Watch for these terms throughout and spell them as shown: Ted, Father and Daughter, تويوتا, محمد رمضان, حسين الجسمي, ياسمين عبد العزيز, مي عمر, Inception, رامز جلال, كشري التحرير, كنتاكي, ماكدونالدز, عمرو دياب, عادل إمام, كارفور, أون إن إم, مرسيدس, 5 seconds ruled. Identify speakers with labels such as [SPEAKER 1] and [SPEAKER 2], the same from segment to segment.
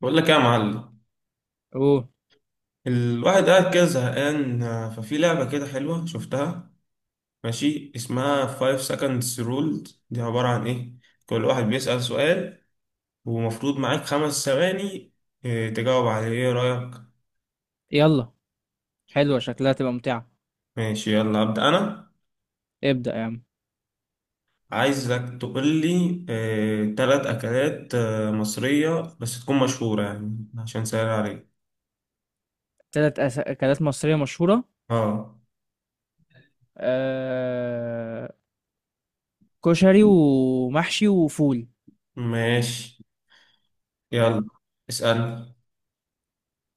[SPEAKER 1] بقول لك إيه يا معلم؟
[SPEAKER 2] اوه.
[SPEAKER 1] الواحد قاعد كده زهقان، ففي لعبة كده حلوة شفتها. ماشي، اسمها 5 seconds ruled، دي عبارة عن ايه؟ كل واحد بيسأل سؤال، ومفروض معاك 5 ثواني تجاوب عليه. ايه رأيك؟
[SPEAKER 2] يلا، حلوة شكلها تبقى ممتعة.
[SPEAKER 1] ماشي، يلا أبدأ انا.
[SPEAKER 2] ابدأ يا عم.
[SPEAKER 1] عايزك تقول لي تلات اكلات مصرية، بس تكون مشهورة يعني عشان سهل عليك.
[SPEAKER 2] تلات أكلات مصرية مشهورة.
[SPEAKER 1] اه.
[SPEAKER 2] آه... كشري ومحشي وفول.
[SPEAKER 1] ماشي،
[SPEAKER 2] حلو.
[SPEAKER 1] يلا اسأل.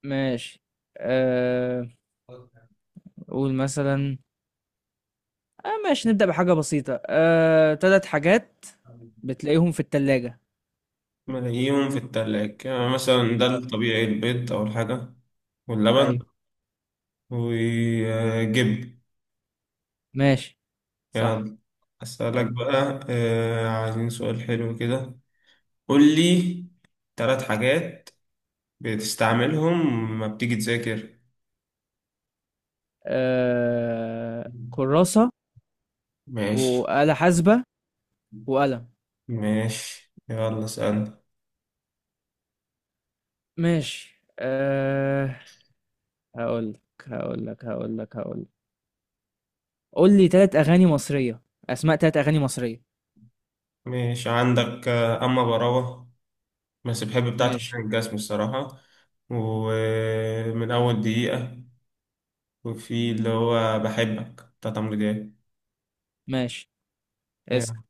[SPEAKER 2] ماشي. آه... قول مثلا. ماشي، نبدأ بحاجة بسيطة. تلات حاجات بتلاقيهم في التلاجة.
[SPEAKER 1] ملاقيهم في التلاج، يعني مثلا ده
[SPEAKER 2] آه.
[SPEAKER 1] الطبيعي البيض أول حاجة، واللبن،
[SPEAKER 2] أيوة.
[SPEAKER 1] وجب
[SPEAKER 2] ماشي. صح.
[SPEAKER 1] يعني. أسألك
[SPEAKER 2] حلو.
[SPEAKER 1] بقى عايزين سؤال حلو كده. قول لي ثلاث حاجات بتستعملهم لما بتيجي تذاكر.
[SPEAKER 2] كراسة،
[SPEAKER 1] ماشي،
[SPEAKER 2] وآلة حاسبة، وقلم.
[SPEAKER 1] ماشي، يلا اسألني.
[SPEAKER 2] ماشي. هقول لك هقول لك. قول لي ثلاث اغاني مصريه. اسماء ثلاث اغاني مصريه.
[SPEAKER 1] ماشي، عندك أما براوة، بس بحب بتاعت
[SPEAKER 2] ماشي.
[SPEAKER 1] حسين الجسمي الصراحة، ومن أول دقيقة، وفي اللي هو بحبك بتاعت عمرو دياب.
[SPEAKER 2] ماشي،
[SPEAKER 1] يا.
[SPEAKER 2] اسال.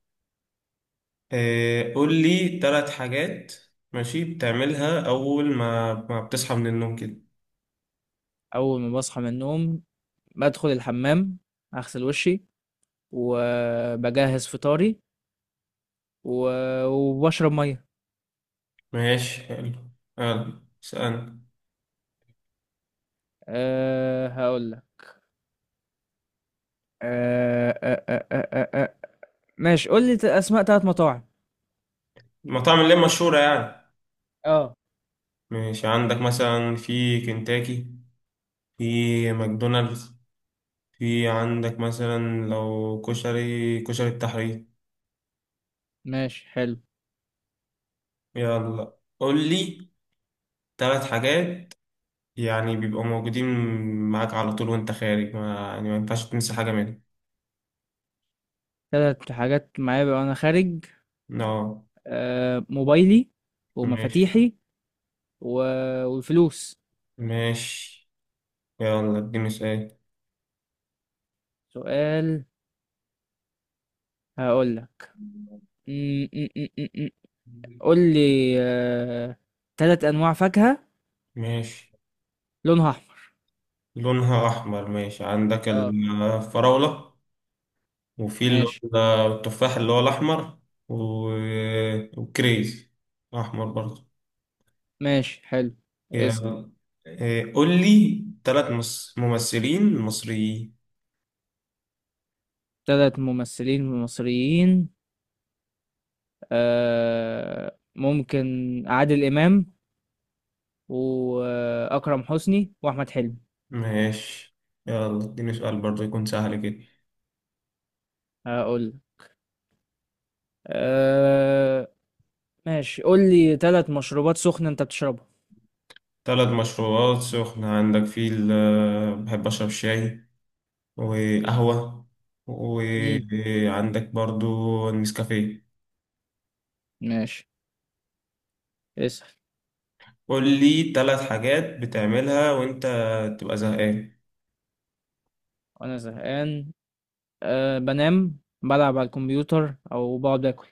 [SPEAKER 1] قول لي ثلاث حاجات ماشي بتعملها أول ما بتصحى من النوم كده.
[SPEAKER 2] اول ما بصحى من النوم، بدخل الحمام، اغسل وشي، وبجهز فطاري، وبشرب ميه.
[SPEAKER 1] ماشي حلو، يلا اسألني.
[SPEAKER 2] أه، هقول لك. أه أه أه أه أه. أه. أه. ماشي، قول لي اسماء ثلاث مطاعم.
[SPEAKER 1] المطاعم اللي هي مشهورة يعني.
[SPEAKER 2] اه.
[SPEAKER 1] ماشي، عندك مثلا في كنتاكي، في ماكدونالدز، في عندك مثلا لو كشري، كشري التحرير.
[SPEAKER 2] ماشي، حلو.
[SPEAKER 1] يلا قول لي ثلاث حاجات يعني بيبقوا موجودين معاك على طول وانت خارج، ما يعني ما ينفعش تنسى حاجة منهم.
[SPEAKER 2] ثلاث حاجات معايا وانا خارج.
[SPEAKER 1] اه
[SPEAKER 2] أه، موبايلي،
[SPEAKER 1] ماشي.
[SPEAKER 2] ومفاتيحي، والفلوس.
[SPEAKER 1] ماشي، يلا اديني سؤال.
[SPEAKER 2] سؤال، هقول لك. م- م- م- م- م. قول لي تلات انواع فاكهة
[SPEAKER 1] ماشي،
[SPEAKER 2] لونها احمر.
[SPEAKER 1] لونها أحمر، ماشي، عندك
[SPEAKER 2] اه.
[SPEAKER 1] الفراولة، وفي اللي
[SPEAKER 2] ماشي.
[SPEAKER 1] هو التفاح اللي هو الأحمر، و... وكريز أحمر برضه.
[SPEAKER 2] ماشي، حلو. اسأل.
[SPEAKER 1] يلا. إيه، قول لي تلات ممثلين مصريين.
[SPEAKER 2] تلات ممثلين مصريين. ممكن عادل امام، واكرم حسني، واحمد حلمي.
[SPEAKER 1] ماشي، يلا اديني سؤال برضه يكون سهل كده.
[SPEAKER 2] هقول لك. آه... ماشي، قول لي تلات مشروبات سخنة انت بتشربها.
[SPEAKER 1] تلات مشروبات سخنة، عندك في بحب أشرب شاي، وقهوة،
[SPEAKER 2] امم.
[SPEAKER 1] وعندك برضو النسكافيه.
[SPEAKER 2] ماشي، اسأل.
[SPEAKER 1] قول لي ثلاث حاجات بتعملها وانت تبقى زهقان.
[SPEAKER 2] وانا زهقان، بنام، بلعب على الكمبيوتر، او بقعد اكل.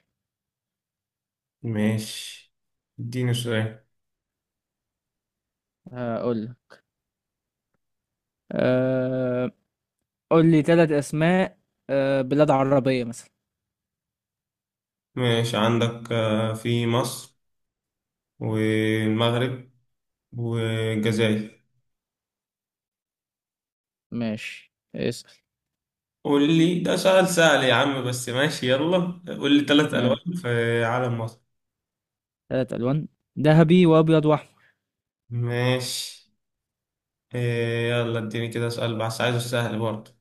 [SPEAKER 1] ماشي، اديني سؤال.
[SPEAKER 2] هقول. أه... قول لي ثلاث اسماء بلاد عربية مثلا.
[SPEAKER 1] ماشي، عندك في مصر، والمغرب، والجزائر.
[SPEAKER 2] ماشي، اسأل.
[SPEAKER 1] قول لي، ده سؤال سهل يا عم، بس ماشي يلا، قول لي ثلاث ألوان
[SPEAKER 2] ماشي،
[SPEAKER 1] في علم مصر.
[SPEAKER 2] ثلاث الوان: ذهبي، وابيض، واحمر.
[SPEAKER 1] ماشي، يلا اديني كده سؤال، بس عايزه سهل برضه.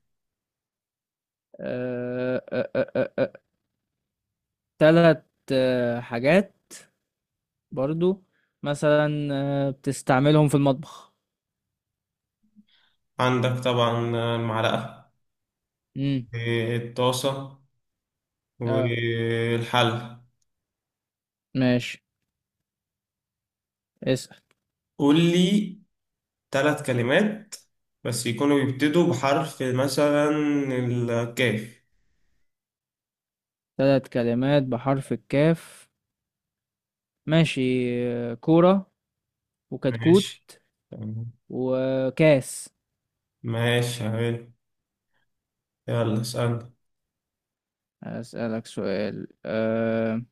[SPEAKER 2] أه... أه... أه... أه... آه، ثلاث حاجات برضو، مثلا بتستعملهم في المطبخ.
[SPEAKER 1] عندك طبعا المعلقة،
[SPEAKER 2] امم.
[SPEAKER 1] الطاسة،
[SPEAKER 2] اه،
[SPEAKER 1] والحل.
[SPEAKER 2] ماشي، اسأل.
[SPEAKER 1] قول لي ثلاث كلمات، بس يكونوا يبتدوا بحرف مثلا الكاف.
[SPEAKER 2] ثلاث كلمات بحرف الكاف. ماشي. كورة، وكتكوت،
[SPEAKER 1] ماشي تمام.
[SPEAKER 2] وكاس.
[SPEAKER 1] ماشي حلو، يلا اسألني.
[SPEAKER 2] أسألك سؤال.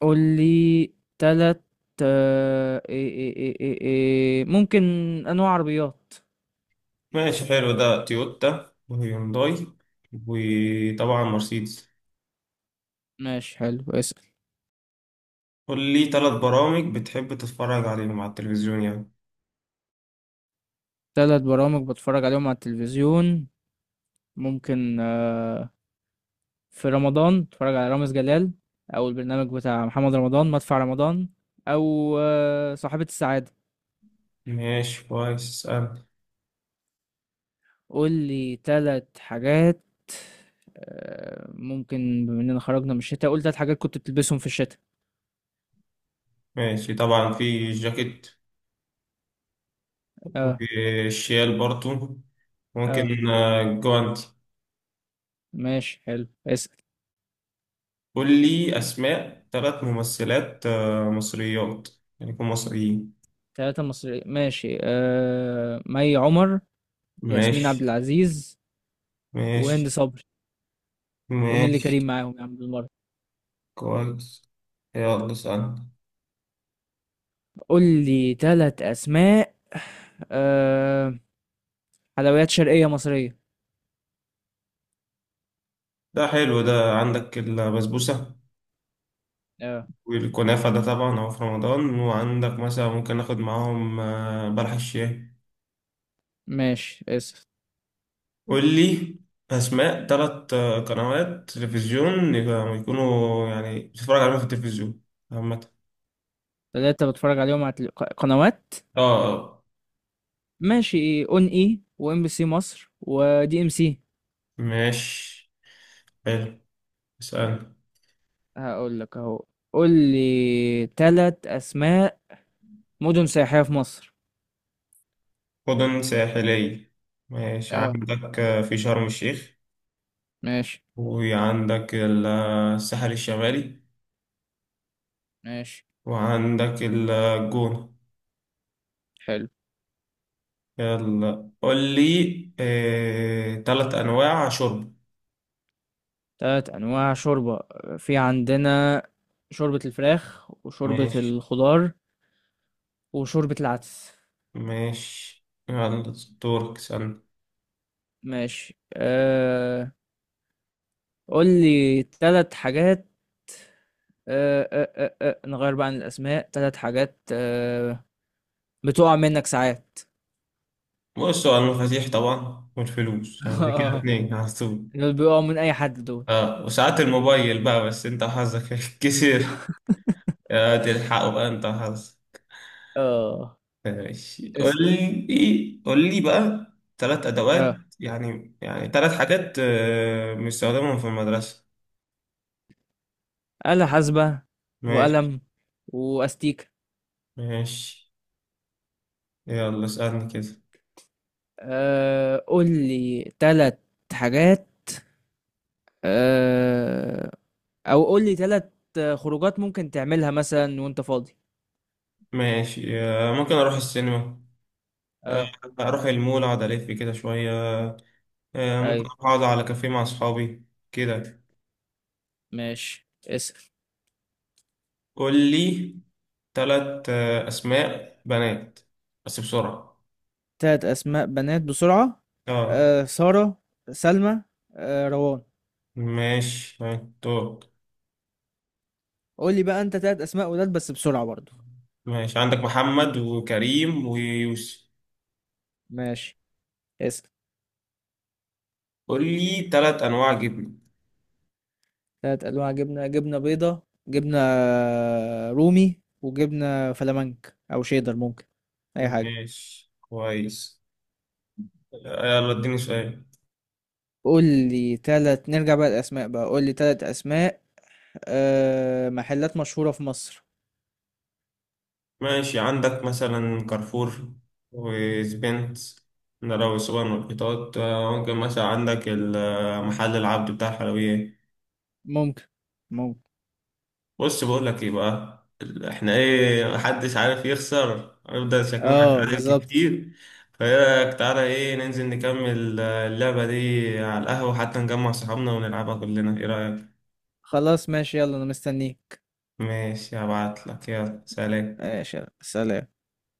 [SPEAKER 2] قول لي تلات، آه، إيه إيه إيه إيه إيه ممكن أنواع عربيات.
[SPEAKER 1] ماشي حلو، ده تويوتا، وهيونداي، وطبعا مرسيدس.
[SPEAKER 2] ماشي، حلو، اسأل.
[SPEAKER 1] قول لي ثلاث برامج بتحب تتفرج عليهم على التلفزيون يعني.
[SPEAKER 2] تلات برامج بتفرج عليهم على التلفزيون. ممكن في رمضان بتفرج على رامز جلال، أو البرنامج بتاع محمد رمضان مدفع رمضان، أو صاحبة السعادة.
[SPEAKER 1] ماشي كويس، اسألني.
[SPEAKER 2] قول لي تلات حاجات. ممكن بما إننا خرجنا من الشتاء، قول تلات حاجات كنت بتلبسهم في الشتاء.
[SPEAKER 1] ماشي، طبعا في جاكيت،
[SPEAKER 2] اه.
[SPEAKER 1] ممكن الشيال برضو،
[SPEAKER 2] اه،
[SPEAKER 1] ممكن جوانتي.
[SPEAKER 2] ماشي، حلو، اسأل.
[SPEAKER 1] قول لي أسماء ثلاث ممثلات مصريات، يعني يكون مصريين.
[SPEAKER 2] ثلاثة مصريين، ماشي. مي عمر، ياسمين عبد
[SPEAKER 1] ماشي،
[SPEAKER 2] العزيز، وهند
[SPEAKER 1] ماشي،
[SPEAKER 2] صبري، ونيلي
[SPEAKER 1] ماشي
[SPEAKER 2] كريم معاهم يا عم بالمرة.
[SPEAKER 1] كويس، يلا سأل.
[SPEAKER 2] قول لي ثلاث أسماء آه... حلويات شرقية مصرية.
[SPEAKER 1] ده حلو، ده عندك البسبوسة،
[SPEAKER 2] اه.
[SPEAKER 1] والكنافة، ده طبعا هو في رمضان، وعندك مثلا ممكن ناخد معاهم بلح الشاي.
[SPEAKER 2] ماشي، اسف.
[SPEAKER 1] قول لي أسماء ثلاث قنوات تلفزيون يكونوا يعني بتتفرج عليهم في التلفزيون عامة.
[SPEAKER 2] ثلاثة بتفرج عليهم على قنوات.
[SPEAKER 1] اه اه
[SPEAKER 2] ماشي، اون اي، وام بي سي مصر، ودي ام سي.
[SPEAKER 1] ماشي حلو، اسأل.
[SPEAKER 2] هقول لك اهو. قول لي ثلاث أسماء مدن سياحية في مصر.
[SPEAKER 1] مدن ساحلية. ماشي،
[SPEAKER 2] اه،
[SPEAKER 1] عندك في شرم الشيخ،
[SPEAKER 2] ماشي.
[SPEAKER 1] وعندك الساحل الشمالي،
[SPEAKER 2] ماشي،
[SPEAKER 1] وعندك الجونة.
[SPEAKER 2] حلو.
[SPEAKER 1] يلا قول لي تلات أنواع شرب.
[SPEAKER 2] تلات أنواع شوربة. في عندنا شوربة الفراخ، وشوربة
[SPEAKER 1] ماشي.
[SPEAKER 2] الخضار، وشوربة العدس.
[SPEAKER 1] ماشي يلا، دورك سألني.
[SPEAKER 2] ماشي. قول لي تلات حاجات. نغير بقى عن الأسماء، تلات حاجات بتقع منك ساعات.
[SPEAKER 1] بص، هو المفاتيح طبعا، والفلوس، يعني كده
[SPEAKER 2] اه،
[SPEAKER 1] اتنين على طول.
[SPEAKER 2] دول بيقعوا من أي حد دول.
[SPEAKER 1] اه، وساعات الموبايل بقى، بس انت حظك كتير. يا تلحقوا بقى انت حظ.
[SPEAKER 2] اه،
[SPEAKER 1] ماشي، قول
[SPEAKER 2] اسأل.
[SPEAKER 1] لي قول لي بقى ثلاث ادوات.
[SPEAKER 2] اه،
[SPEAKER 1] يعني ثلاث حاجات بنستخدمهم في المدرسة.
[SPEAKER 2] آلة حاسبة،
[SPEAKER 1] ماشي.
[SPEAKER 2] وقلم، وأستيكة.
[SPEAKER 1] ماشي، يلا اسألني كده.
[SPEAKER 2] قول لي تلات حاجات. أه... او قول لي ثلاث خروجات ممكن تعملها مثلا وانت فاضي.
[SPEAKER 1] ماشي، ممكن اروح السينما، آه،
[SPEAKER 2] اه.
[SPEAKER 1] اروح المول اقعد الف كده شوية، ممكن
[SPEAKER 2] ايوه.
[SPEAKER 1] اقعد على كافيه مع اصحابي كده.
[SPEAKER 2] ماشي، اسأل.
[SPEAKER 1] قول لي ثلاث اسماء بنات بس بسرعة.
[SPEAKER 2] ثلاث اسماء بنات بسرعة.
[SPEAKER 1] اه.
[SPEAKER 2] سارة، سلمى، روان.
[SPEAKER 1] ماشي هاي، دور.
[SPEAKER 2] قول لي بقى انت ثلاث اسماء ولاد بس بسرعة برضو.
[SPEAKER 1] ماشي، عندك محمد، وكريم، ويوسف.
[SPEAKER 2] ماشي، اسأل.
[SPEAKER 1] قول لي ثلاث انواع جبنه.
[SPEAKER 2] ثلاث انواع جبنة: جبنة بيضة، جبنة رومي، وجبنة فلامنك، او شيدر، ممكن اي حاجة.
[SPEAKER 1] ماشي كويس، يلا اديني سؤال.
[SPEAKER 2] قول لي ثلاث، نرجع بقى الاسماء بقى، قول لي ثلاث اسماء محلات مشهورة في مصر.
[SPEAKER 1] ماشي، عندك مثلا كارفور، وسبنت، ده لو سوبر ماركتات، ممكن مثلا عندك محل العبد بتاع الحلويات.
[SPEAKER 2] ممكن. ممكن.
[SPEAKER 1] بص بقول لك ايه بقى، احنا ايه محدش عارف يخسر، هنفضل شكلنا
[SPEAKER 2] اه،
[SPEAKER 1] نتعلم
[SPEAKER 2] بالظبط.
[SPEAKER 1] كتير. فايه رايك، تعالى ايه، ننزل نكمل اللعبة دي على القهوة حتى نجمع صحابنا ونلعبها كلنا، ايه رايك؟
[SPEAKER 2] خلاص، ماشي، يلا، انا مستنيك.
[SPEAKER 1] ماشي، هبعت لك، يلا سلام.
[SPEAKER 2] ماشي يلا. سلام.